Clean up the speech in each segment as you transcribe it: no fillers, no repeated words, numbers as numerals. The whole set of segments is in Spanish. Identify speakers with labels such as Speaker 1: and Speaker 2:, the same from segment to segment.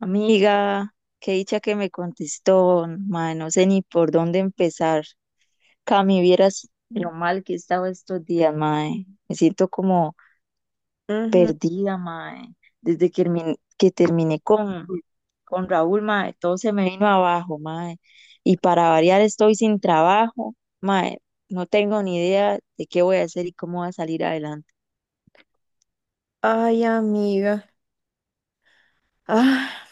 Speaker 1: Amiga, qué dicha que me contestó, mae, no sé ni por dónde empezar. Cami, vieras lo mal que he estado estos días, mae. Me siento como
Speaker 2: Ujú.
Speaker 1: perdida, mae. Desde que, que terminé con Raúl, mae, todo se me vino abajo, mae. Y para variar estoy sin trabajo, mae. No tengo ni idea de qué voy a hacer y cómo voy a salir adelante.
Speaker 2: Ay, amiga. Ah,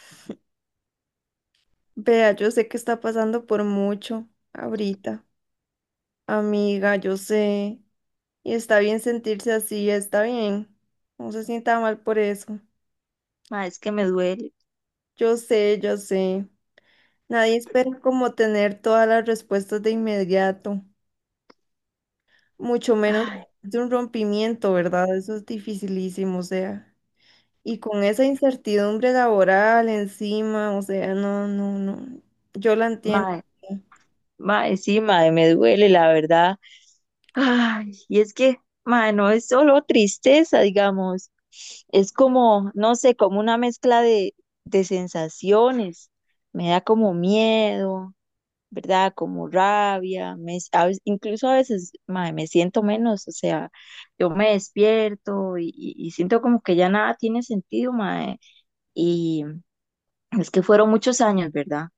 Speaker 2: vea, yo sé que está pasando por mucho ahorita. Amiga, yo sé. Y está bien sentirse así, está bien. No se sienta mal por eso.
Speaker 1: Mae, es que me duele.
Speaker 2: Yo sé. Nadie espera como tener todas las respuestas de inmediato, mucho menos
Speaker 1: Ay,
Speaker 2: de un rompimiento, ¿verdad? Eso es dificilísimo, o sea. Y con esa incertidumbre laboral encima, o sea, no. Yo la entiendo.
Speaker 1: mae, mae, sí, mae, me duele, la verdad. Ay, y es que, ma, no es solo tristeza, digamos, es como, no sé, como una mezcla de sensaciones. Me da como miedo, ¿verdad? Como rabia, me, s- a veces- incluso a veces, ma, me siento menos, o sea, yo me despierto y siento como que ya nada tiene sentido, ma, y es que fueron muchos años, ¿verdad?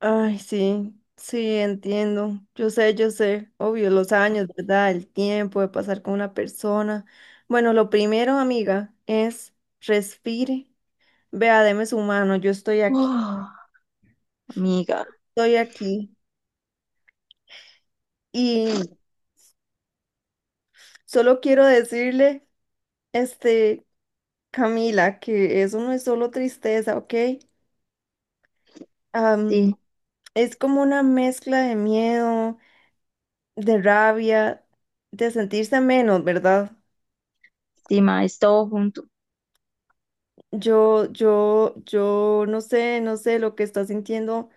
Speaker 2: Ay, sí, sí, entiendo. Yo sé, obvio, los años, ¿verdad? El tiempo de pasar con una persona. Bueno, lo primero, amiga, es respire, vea, deme su mano, yo estoy aquí,
Speaker 1: Uf, amiga,
Speaker 2: estoy aquí. Y solo quiero decirle, este, Camila, que eso no es solo tristeza, ¿ok? Am,
Speaker 1: sí,
Speaker 2: es como una mezcla de miedo, de rabia, de sentirse menos, ¿verdad?
Speaker 1: sí, ma, es todo junto,
Speaker 2: Yo no sé, no sé lo que está sintiendo.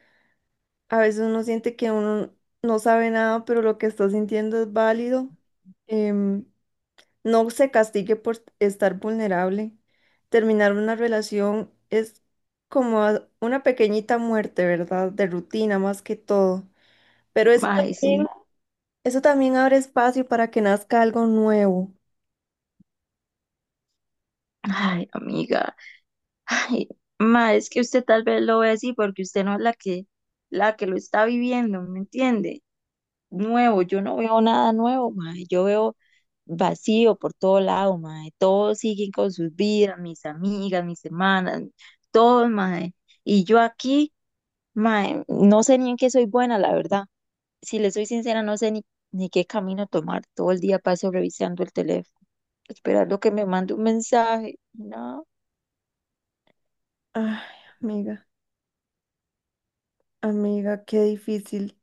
Speaker 2: A veces uno siente que uno no sabe nada, pero lo que está sintiendo es válido. Em, no se castigue por estar vulnerable. Terminar una relación es como una pequeñita muerte, ¿verdad? De rutina más que todo. Pero
Speaker 1: ma, sí.
Speaker 2: eso también abre espacio para que nazca algo nuevo.
Speaker 1: Ay, amiga. Ay, ma, es que usted tal vez lo ve así porque usted no es la que lo está viviendo, ¿me entiende? Nuevo, yo no veo nada nuevo, ma, yo veo vacío por todo lado, ma, todos siguen con sus vidas, mis amigas, mis hermanas, todos, ma, y yo aquí, ma, no sé ni en qué soy buena, la verdad. Si le soy sincera, no sé ni, ni qué camino tomar. Todo el día paso revisando el teléfono, esperando que me mande un mensaje, nada.
Speaker 2: Ay, amiga, amiga, qué difícil.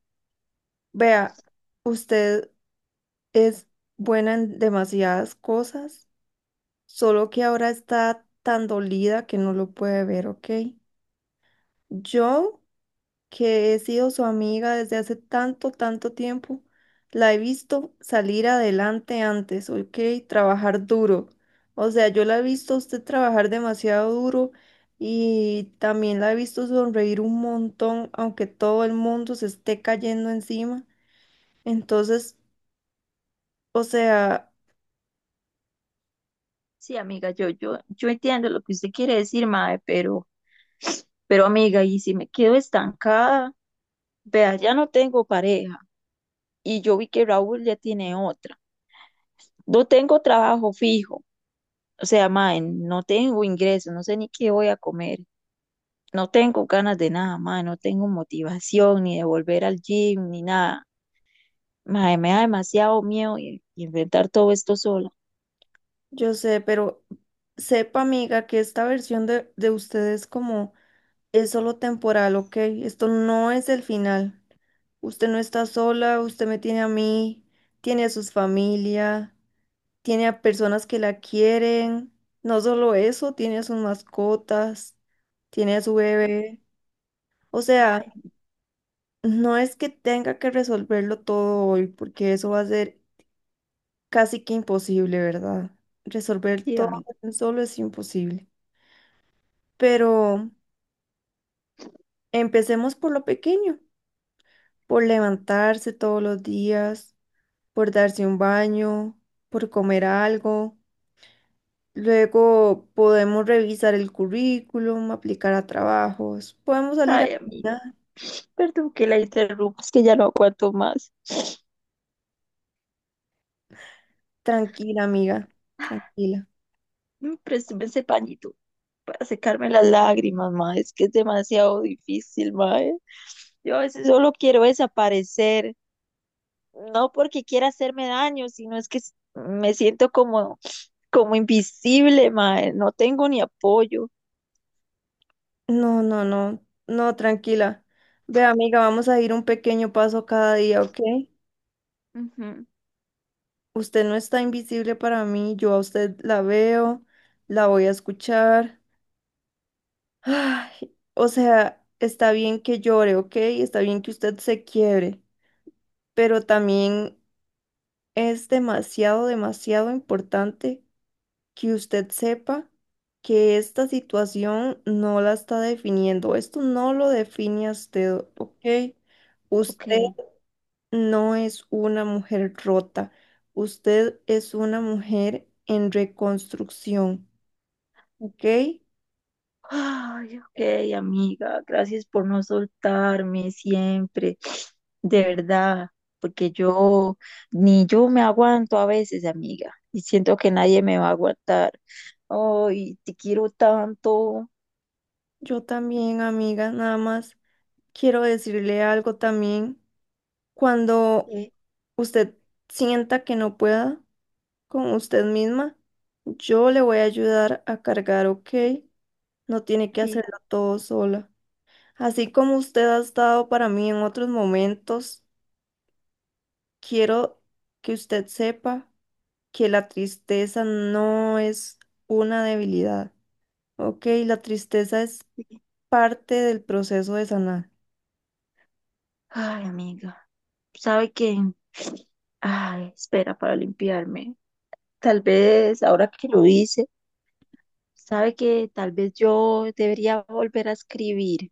Speaker 2: Vea, usted. Es buena en demasiadas cosas, solo que ahora está tan dolida que no lo puede ver, ¿ok? Yo, que he sido su amiga desde hace tanto, tanto tiempo, la he visto salir adelante antes, ¿ok? Trabajar duro. O sea, yo la he visto a usted trabajar demasiado duro y también la he visto sonreír un montón, aunque todo el mundo se esté cayendo encima. Entonces, o sea...
Speaker 1: Sí, amiga, yo entiendo lo que usted quiere decir, mae, pero amiga, y si me quedo estancada, vea, ya no tengo pareja y yo vi que Raúl ya tiene otra. No tengo trabajo fijo, o sea, mae, no tengo ingreso, no sé ni qué voy a comer, no tengo ganas de nada, mae, no tengo motivación ni de volver al gym ni nada. Mae, me da demasiado miedo y enfrentar todo esto sola.
Speaker 2: Yo sé, pero sepa, amiga, que esta versión de ustedes como es solo temporal, ¿ok? Esto no es el final. Usted no está sola, usted me tiene a mí, tiene a sus familia, tiene a personas que la quieren. No solo eso, tiene a sus mascotas, tiene a su bebé. O sea, no es que tenga que resolverlo todo hoy, porque eso va a ser casi que imposible, ¿verdad? Resolver
Speaker 1: Sí,
Speaker 2: todo
Speaker 1: amiga.
Speaker 2: solo es imposible. Pero empecemos por lo pequeño, por levantarse todos los días, por darse un baño, por comer algo. Luego podemos revisar el currículum, aplicar a trabajos, podemos salir a
Speaker 1: Ay, amiga,
Speaker 2: caminar.
Speaker 1: perdón que la interrumpa, es que ya no aguanto más.
Speaker 2: Tranquila, amiga, tranquila.
Speaker 1: Mm, présteme ese pañito para secarme las lágrimas, ma. Es que es demasiado difícil, ma. Yo a veces solo quiero desaparecer, no porque quiera hacerme daño, sino me siento como, como invisible, ma. No tengo ni apoyo.
Speaker 2: No, tranquila. Ve, amiga, vamos a ir un pequeño paso cada día, ¿ok?
Speaker 1: Ujú.
Speaker 2: Usted no está invisible para mí, yo a usted la veo, la voy a escuchar. Ay, o sea, está bien que llore, ¿ok? Está bien que usted se quiebre, pero también es demasiado, demasiado importante que usted sepa que esta situación no la está definiendo. Esto no lo define a usted, ¿ok? Usted
Speaker 1: Ok.
Speaker 2: no es una mujer rota. Usted es una mujer en reconstrucción, ¿ok?
Speaker 1: Ay, ok, amiga, gracias por no soltarme siempre, de verdad, porque yo ni yo me aguanto a veces, amiga, y siento que nadie me va a aguantar. Ay, te quiero tanto.
Speaker 2: Yo también, amiga, nada más. Quiero decirle algo también. Cuando
Speaker 1: Sí,
Speaker 2: usted sienta que no pueda con usted misma, yo le voy a ayudar a cargar, ¿ok? No tiene que
Speaker 1: sí,
Speaker 2: hacerlo todo sola. Así como usted ha estado para mí en otros momentos, quiero que usted sepa que la tristeza no es una debilidad, ¿ok? La tristeza es
Speaker 1: sí.
Speaker 2: parte del proceso de sanar.
Speaker 1: Ay, amiga, ¿sabe qué? Ay, espera para limpiarme. Tal vez, ahora que lo hice, ¿sabe que tal vez yo debería volver a escribir?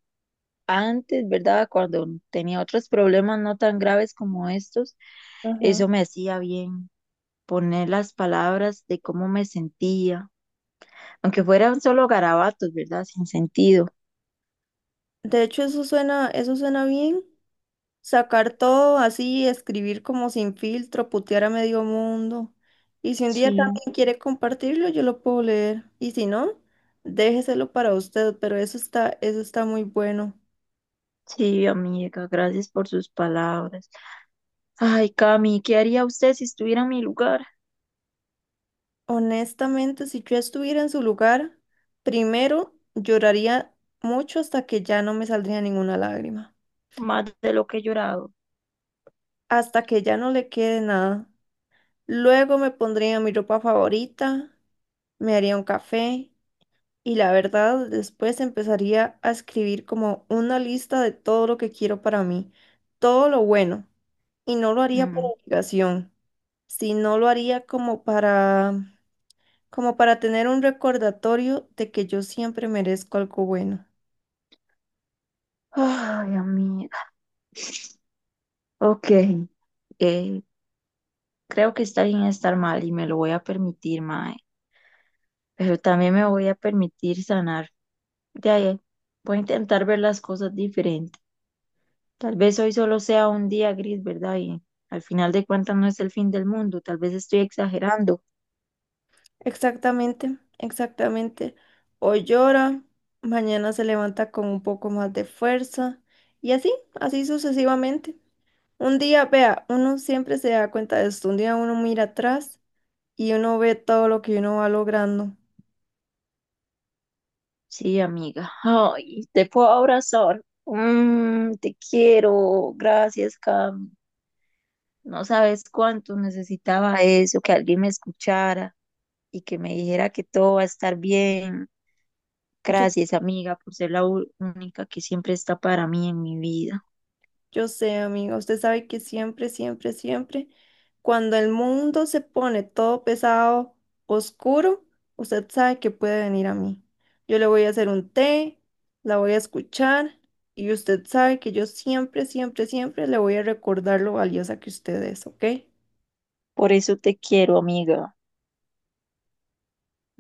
Speaker 1: Antes, ¿verdad? Cuando tenía otros problemas no tan graves como estos,
Speaker 2: Ajá.
Speaker 1: eso me hacía bien, poner las palabras de cómo me sentía, aunque fueran solo garabatos, ¿verdad? Sin sentido.
Speaker 2: De hecho, eso suena bien. Sacar todo así, escribir como sin filtro, putear a medio mundo. Y si un día
Speaker 1: Sí,
Speaker 2: también quiere compartirlo, yo lo puedo leer. Y si no, déjeselo para usted, pero eso está muy bueno.
Speaker 1: sí, amiga, gracias por sus palabras. Ay, Cami, ¿qué haría usted si estuviera en mi lugar?
Speaker 2: Honestamente, si yo estuviera en su lugar, primero lloraría mucho hasta que ya no me saldría ninguna lágrima,
Speaker 1: Más de lo que he llorado.
Speaker 2: hasta que ya no le quede nada. Luego me pondría mi ropa favorita, me haría un café. Y la verdad, después empezaría a escribir como una lista de todo lo que quiero para mí, todo lo bueno. Y no lo haría por
Speaker 1: Mm.
Speaker 2: obligación, sino lo haría como para, como para tener un recordatorio de que yo siempre merezco algo bueno.
Speaker 1: Ay, amiga. Ok, eh, creo que está bien estar mal y me lo voy a permitir, mae. Pero también me voy a permitir sanar. Ya, ya. Voy a intentar ver las cosas diferente. Tal vez hoy solo sea un día gris, ¿verdad? Y al final de cuentas no es el fin del mundo. Tal vez estoy exagerando.
Speaker 2: Exactamente, exactamente. Hoy llora, mañana se levanta con un poco más de fuerza y así, así sucesivamente. Un día, vea, uno siempre se da cuenta de esto. Un día uno mira atrás y uno ve todo lo que uno va logrando.
Speaker 1: Sí, amiga. Ay, te puedo abrazar. Mm, te quiero. Gracias, Cam. No sabes cuánto necesitaba eso, que alguien me escuchara y que me dijera que todo va a estar bien.
Speaker 2: Yo,
Speaker 1: Gracias, amiga, por ser la única que siempre está para mí en mi vida.
Speaker 2: yo sé, amiga, usted sabe que siempre, siempre, siempre, cuando el mundo se pone todo pesado, oscuro, usted sabe que puede venir a mí. Yo le voy a hacer un té, la voy a escuchar y usted sabe que yo siempre, siempre, siempre le voy a recordar lo valiosa que usted es, ¿ok?
Speaker 1: Por eso te quiero, amiga.